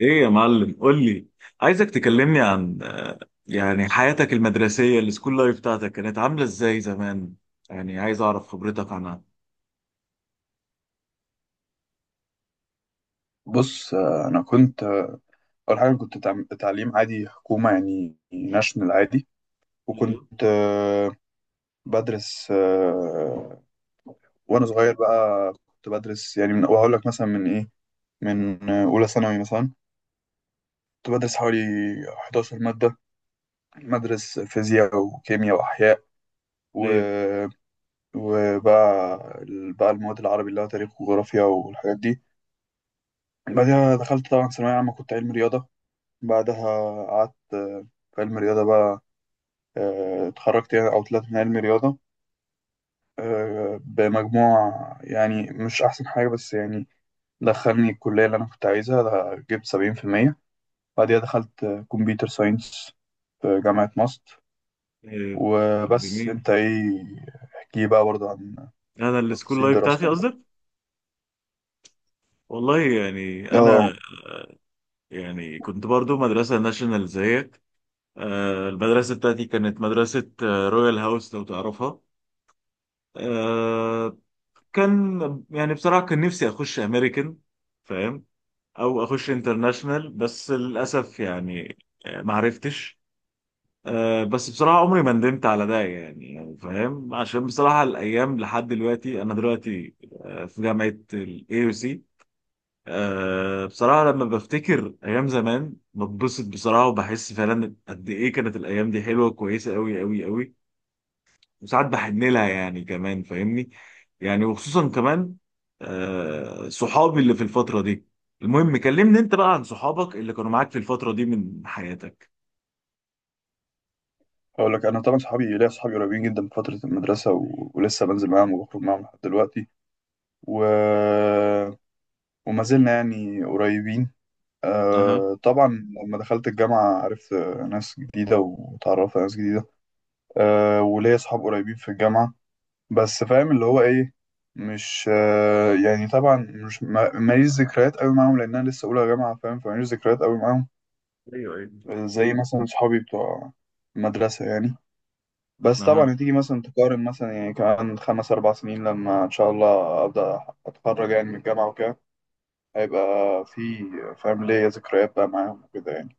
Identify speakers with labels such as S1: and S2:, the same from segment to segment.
S1: ايه يا معلم، قول لي. عايزك تكلمني عن يعني حياتك المدرسية، السكول لايف بتاعتك كانت عاملة ازاي زمان؟ يعني عايز اعرف خبرتك عنها.
S2: بص انا كنت اول حاجه كنت تعليم عادي حكومه يعني ناشونال عادي.
S1: ايوه،
S2: وكنت بدرس وانا صغير بقى كنت بدرس يعني من وهقول لك مثلا من اولى ثانوي مثلا. كنت بدرس حوالي 11 ماده، بدرس فيزياء وكيمياء واحياء و...
S1: ايوه،
S2: وبقى بقى المواد العربي اللي هو تاريخ وجغرافيا والحاجات دي. بعدها دخلت طبعا ثانويه عامه، كنت علم رياضه. بعدها قعدت في علم الرياضه بقى. اتخرجت يعني او طلعت من علم رياضه بمجموع يعني مش احسن حاجه، بس يعني دخلني الكليه اللي انا كنت عايزها. ده جبت 70%. بعديها دخلت كمبيوتر ساينس في جامعه ماست.
S1: ايوه. طب
S2: وبس،
S1: جميل.
S2: انت ايه، احكي بقى برضه عن
S1: انا السكول
S2: تفاصيل
S1: لايف بتاعتي
S2: دراستك
S1: قصدك؟
S2: برضه.
S1: والله يعني
S2: اه،
S1: انا، يعني كنت برضو مدرسة ناشونال زيك. المدرسة بتاعتي كانت مدرسة رويال هاوس، لو تعرفها. آه، كان يعني بصراحة كان نفسي اخش امريكان، فاهم؟ او اخش انترناشنال، بس للاسف يعني ما عرفتش. بس بصراحه عمري ما ندمت على ده، يعني فاهم، عشان بصراحه الايام لحد دلوقتي، انا دلوقتي في جامعه الاي يو سي. بصراحه لما بفتكر ايام زمان، بتبسط بصراحه وبحس فعلا قد ايه كانت الايام دي حلوه، كويسه قوي قوي قوي. وساعات بحن لها، يعني كمان فاهمني. يعني وخصوصا كمان صحابي اللي في الفترة دي. المهم كلمني انت بقى عن صحابك اللي كانوا معاك في الفترة دي من حياتك.
S2: اقول لك، انا طبعا صحابي، ليا صحابي قريبين جدا من فتره المدرسه ولسه بنزل معاهم وبخرج معاهم لحد دلوقتي، و... وما زلنا يعني قريبين.
S1: اها.
S2: أه طبعا لما دخلت الجامعة عرفت ناس جديدة، وتعرفت على ناس جديدة. أه، وليا أصحاب قريبين في الجامعة، بس فاهم اللي هو إيه، مش أه يعني طبعا مش ماليش ذكريات قوي معاهم، لأن أنا لسه أولى جامعة، فاهم، فماليش ذكريات قوي معاهم
S1: ايوه، ايوه.
S2: زي مثلا صحابي بتوع المدرسة يعني. بس
S1: اها.
S2: طبعا هتيجي مثلا تقارن مثلا يعني كمان خمس أربع سنين لما إن شاء الله أبدأ أتخرج يعني من الجامعة وكده، هيبقى في، فاهم، ليا ذكريات بقى معاهم وكده يعني.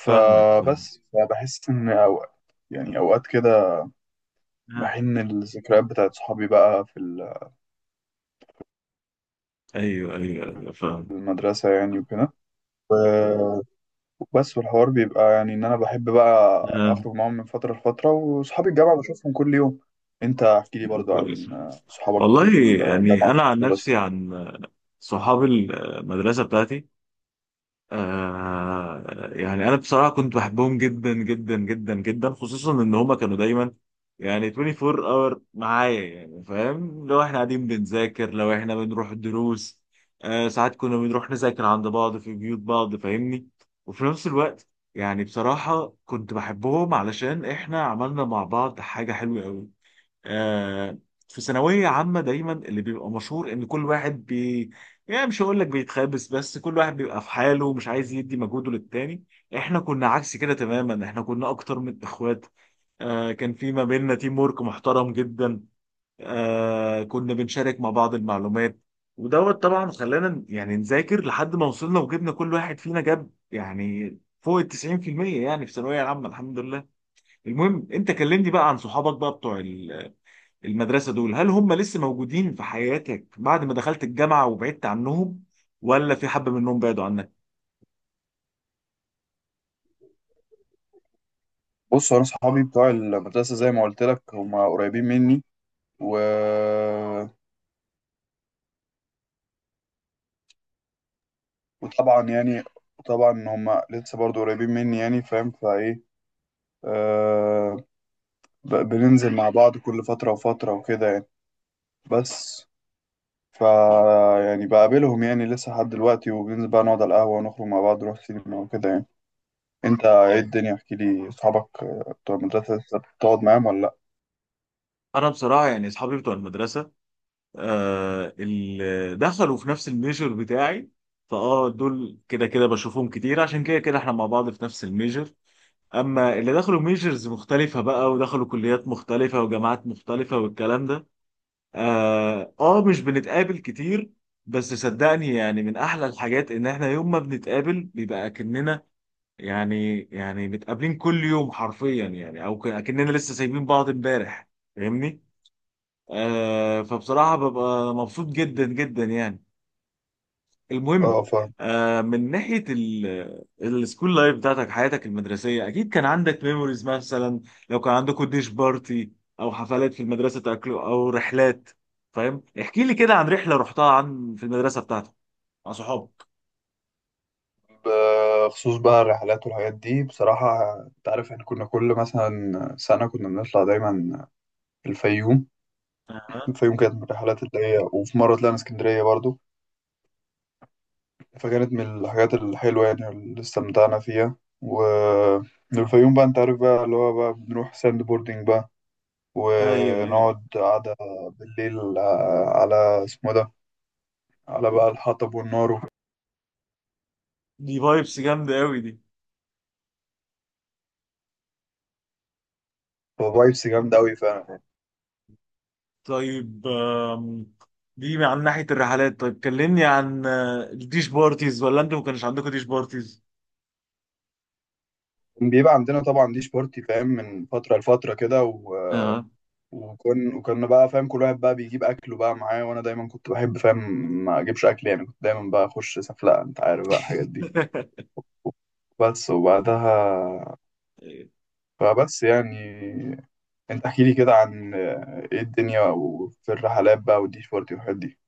S1: فاهمك، فاهم.
S2: فبحس إن أوقات يعني أوقات كده
S1: أها.
S2: بحن الذكريات بتاعت صحابي بقى في
S1: ايوه، ايوه، ايوه،
S2: في
S1: فاهم.
S2: المدرسة يعني وكده. و- وبس، والحوار بيبقى يعني إن أنا بحب بقى
S1: أها.
S2: أخرج معاهم من فترة لفترة، وصحابي الجامعة بشوفهم كل يوم. أنت احكي لي برضو عن
S1: كويس.
S2: صحابك
S1: والله
S2: في
S1: يعني
S2: الجامعة وفي
S1: انا، عن
S2: المدرسة.
S1: نفسي، عن صحابي المدرسة بتاعتي، آه، يعني انا بصراحه كنت بحبهم جدا جدا جدا جدا، خصوصا ان هما كانوا دايما يعني 24 اور معايا، يعني فاهم، لو احنا قاعدين بنذاكر، لو احنا بنروح الدروس. آه، ساعات كنا بنروح نذاكر عند بعض، في بيوت بعض، فاهمني. وفي نفس الوقت يعني بصراحه كنت بحبهم، علشان احنا عملنا مع بعض حاجه حلوه قوي. آه، في ثانوية عامة دايما اللي بيبقى مشهور ان كل واحد يعني مش هقول لك بيتخابس، بس كل واحد بيبقى في حاله ومش عايز يدي مجهوده للتاني. احنا كنا عكس كده تماما، احنا كنا اكتر من اخوات. آه، كان في ما بيننا تيم وورك محترم جدا. آه، كنا بنشارك مع بعض المعلومات. ودوت طبعا خلانا يعني نذاكر لحد ما وصلنا وجبنا، كل واحد فينا جاب يعني فوق ال 90%، يعني في الثانوية العامة الحمد لله. المهم انت كلمني بقى عن صحابك بقى بتوع المدرسة دول، هل هم لسه موجودين في حياتك بعد ما دخلت الجامعة وبعدت عنهم، ولا في حبة منهم بعدوا عنك؟
S2: بص أنا صحابي بتوع المدرسة، زي ما قلت لك، هم قريبين مني و... وطبعا يعني طبعا هم لسه برضو قريبين مني يعني فاهم، فإيه، آه، بننزل مع بعض كل فترة وفترة وكده يعني. بس فا يعني بقابلهم يعني لسه لحد دلوقتي، وبننزل بقى نقعد على القهوة ونخرج مع بعض، نروح سينما وكده يعني. انت ايه
S1: أيوة.
S2: الدنيا، احكي لي، اصحابك بتوع المدرسة لسه بتقعد معاهم ولا لا؟
S1: أنا بصراحة يعني أصحابي بتوع المدرسة، آه اللي دخلوا في نفس الميجر بتاعي، فأه دول كده كده بشوفهم كتير، عشان كده كده إحنا مع بعض في نفس الميجر. أما اللي دخلوا ميجرز مختلفة بقى، ودخلوا كليات مختلفة وجامعات مختلفة والكلام ده، مش بنتقابل كتير. بس صدقني يعني من أحلى الحاجات إن إحنا يوم ما بنتقابل بيبقى كأننا، يعني متقابلين كل يوم حرفيا، يعني او اكننا لسه سايبين بعض امبارح. فاهمني؟ آه، فبصراحه ببقى مبسوط جدا جدا يعني. المهم.
S2: اه فاهم.
S1: من ناحيه السكول لايف بتاعتك، حياتك المدرسيه، اكيد كان عندك ميموريز مثلا، لو كان عندكم ديش بارتي او حفلات في المدرسه تاكلوا، او رحلات. فاهم؟ احكي لي كده عن رحله رحتها عن في المدرسه بتاعتك مع صحابك.
S2: بخصوص بقى الرحلات والحاجات دي، بصراحة انت عارف احنا كنا كل مثلا سنة كنا بنطلع دايما الفيوم.
S1: اها.
S2: الفيوم كانت من الرحلات اللي هي، وفي مرة طلعنا اسكندرية برضو. فكانت من الحاجات الحلوة يعني اللي استمتعنا فيها. و الفيوم بقى انت عارف بقى اللي هو بقى بنروح ساند بوردنج بقى،
S1: ايوه، ايوه.
S2: ونقعد قعدة بالليل على اسمه ده، على بقى الحطب والنار.
S1: دي فايبس جامده قوي دي.
S2: وفايبس جامدة أوي فعلا.
S1: طيب. دي عن ناحية الرحلات، طيب كلمني عن الديش بارتيز، ولا انتوا ما كانش عندكم ديش بارتيز؟
S2: يعني بيبقى عندنا طبعا ديش بارتي فاهم من فترة لفترة كده.
S1: اه.
S2: وكنا بقى فاهم كل واحد بقى بيجيب أكله بقى معاه، وأنا دايما كنت بحب فاهم ما أجيبش أكل، يعني كنت دايما بقى أخش سفلقة، أنت عارف بقى الحاجات دي. بس، وبعدها فبس يعني، انت احكي لي كده عن ايه الدنيا وفي الرحلات بقى والديش بارتي والحاجات دي.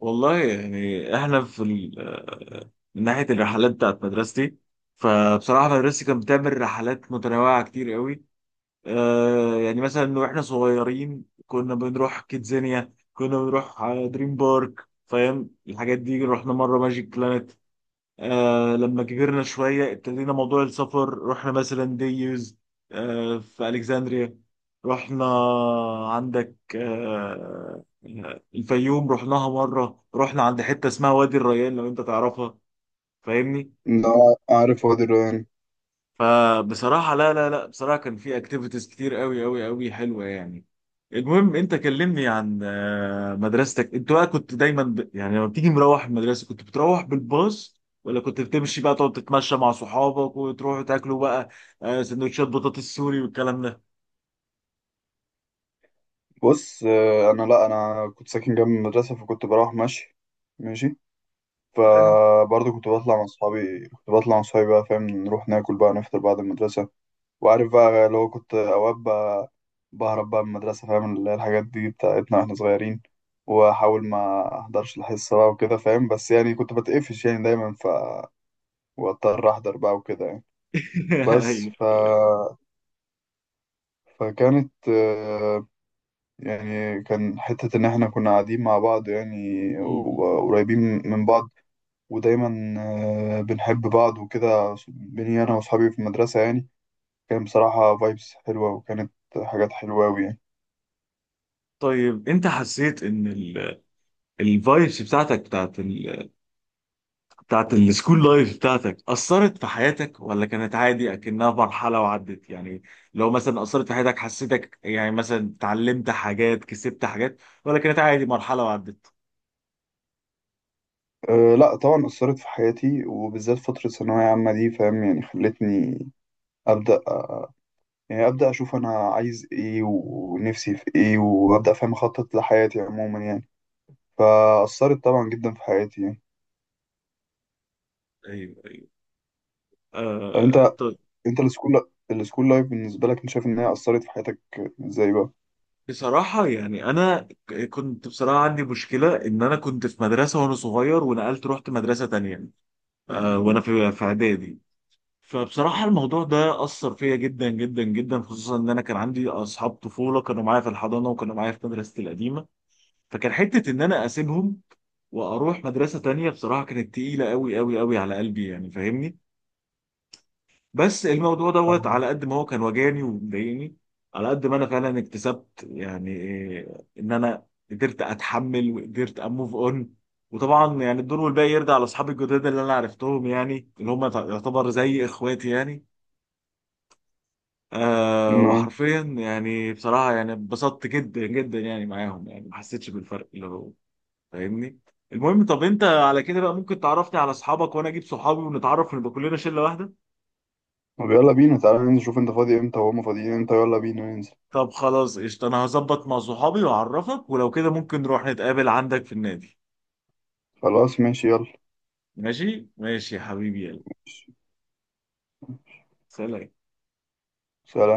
S1: والله يعني احنا في من ناحية الرحلات بتاعت مدرستي، فبصراحة مدرستي كانت بتعمل رحلات متنوعة كتير قوي. يعني مثلا واحنا صغيرين كنا بنروح كيدزانيا، كنا بنروح دريم بارك، فاهم الحاجات دي، رحنا مرة ماجيك بلانت. آه، لما كبرنا شوية ابتدينا موضوع السفر، رحنا مثلا ديوز في ألكسندريا. رحنا عندك آه الفيوم، رحناها مرة. رحنا عند حتة اسمها وادي الريان، لو أنت تعرفها، فاهمني؟
S2: لا، عارف وادي الريان.
S1: فبصراحة لا لا لا، بصراحة كان في اكتيفيتيز كتير قوي قوي قوي حلوة يعني. المهم، انت كلمني عن مدرستك انت بقى. كنت دايما يعني لما بتيجي مروح المدرسة، كنت بتروح بالباص ولا كنت بتمشي بقى، تقعد تتمشى مع صحابك وتروحوا تاكلوا بقى سندوتشات بطاطس سوري والكلام ده؟
S2: بص انا لا، انا كنت ساكن جنب المدرسه، فكنت بروح ماشي، ماشي.
S1: حلو.
S2: فبرضه كنت بطلع مع اصحابي، كنت بطلع مع اصحابي بقى، فاهم، نروح ناكل بقى، نفطر بعد المدرسه. وعارف بقى اللي هو كنت اوقات بقى بهرب بقى من المدرسه فاهم، اللي هي الحاجات دي بتاعتنا واحنا صغيرين، واحاول ما احضرش الحصه بقى وكده فاهم. بس يعني كنت بتقفش يعني دايما، ف واضطر احضر بقى وكده يعني. بس
S1: أيوة.
S2: ف... فكانت يعني كان حتة إن إحنا كنا قاعدين مع بعض يعني،
S1: م- م- م.
S2: وقريبين من بعض، ودايما بنحب بعض وكده بيني أنا وأصحابي في المدرسة يعني. كان بصراحة فايبس حلوة، وكانت حاجات حلوة أوي يعني.
S1: طيب انت حسيت ان الفايبس بتاعتك بتاعت السكول لايف بتاعتك أثرت في حياتك، ولا كانت عادي أكنها مرحلة وعدت؟ يعني لو مثلا أثرت في حياتك، حسيتك يعني مثلا اتعلمت حاجات، كسبت حاجات، ولا كانت عادي مرحلة وعدت؟
S2: أه لأ طبعا أثرت في حياتي، وبالذات فترة ثانوية عامة دي فاهم، يعني خلتني أبدأ يعني أبدأ أشوف أنا عايز إيه ونفسي في إيه، وأبدأ فاهم أخطط لحياتي عموما يعني. فأثرت طبعا جدا في حياتي يعني.
S1: ايوه.
S2: طب
S1: آه
S2: انت،
S1: طيب.
S2: انت السكول، السكول لايف بالنسبة لك انت شايف ان هي أثرت في حياتك ازاي بقى؟
S1: بصراحة يعني أنا كنت بصراحة عندي مشكلة إن أنا كنت في مدرسة وأنا صغير، ونقلت رحت مدرسة تانية آه، وأنا في إعدادي. فبصراحة الموضوع ده أثر فيا جدا جدا جدا، خصوصا إن أنا كان عندي أصحاب طفولة كانوا معايا في الحضانة وكانوا معايا في مدرستي القديمة، فكان حتة إن أنا أسيبهم وأروح مدرسة تانية. بصراحة كانت تقيلة أوي أوي أوي على قلبي، يعني فاهمني. بس الموضوع دوت
S2: آه.
S1: على قد ما هو كان وجعني ومضايقني، على قد ما أنا فعلا اكتسبت يعني إيه، إن أنا قدرت أتحمل وقدرت أموف أون. وطبعا يعني الدور والباقي يرجع لأصحابي الجداد اللي أنا عرفتهم، يعني اللي هم يعتبر زي إخواتي يعني. آه،
S2: نعم.
S1: وحرفيا يعني بصراحة يعني اتبسطت جدا جدا يعني معاهم، يعني ما حسيتش بالفرق اللي هو، فاهمني. المهم، طب انت على كده بقى ممكن تعرفني على اصحابك، وانا اجيب صحابي ونتعرف ونبقى كلنا شله واحده.
S2: طب يلا بينا تعالى ننزل، شوف انت فاضي امتى وهما فاضيين امتى، يلا بينا ننزل.
S1: طب خلاص قشطه، انا هظبط مع صحابي واعرفك، ولو كده ممكن نروح نتقابل عندك في النادي.
S2: خلاص ماشي، يلا.
S1: ماشي ماشي يا حبيبي، يلا. سلام.
S2: سلام.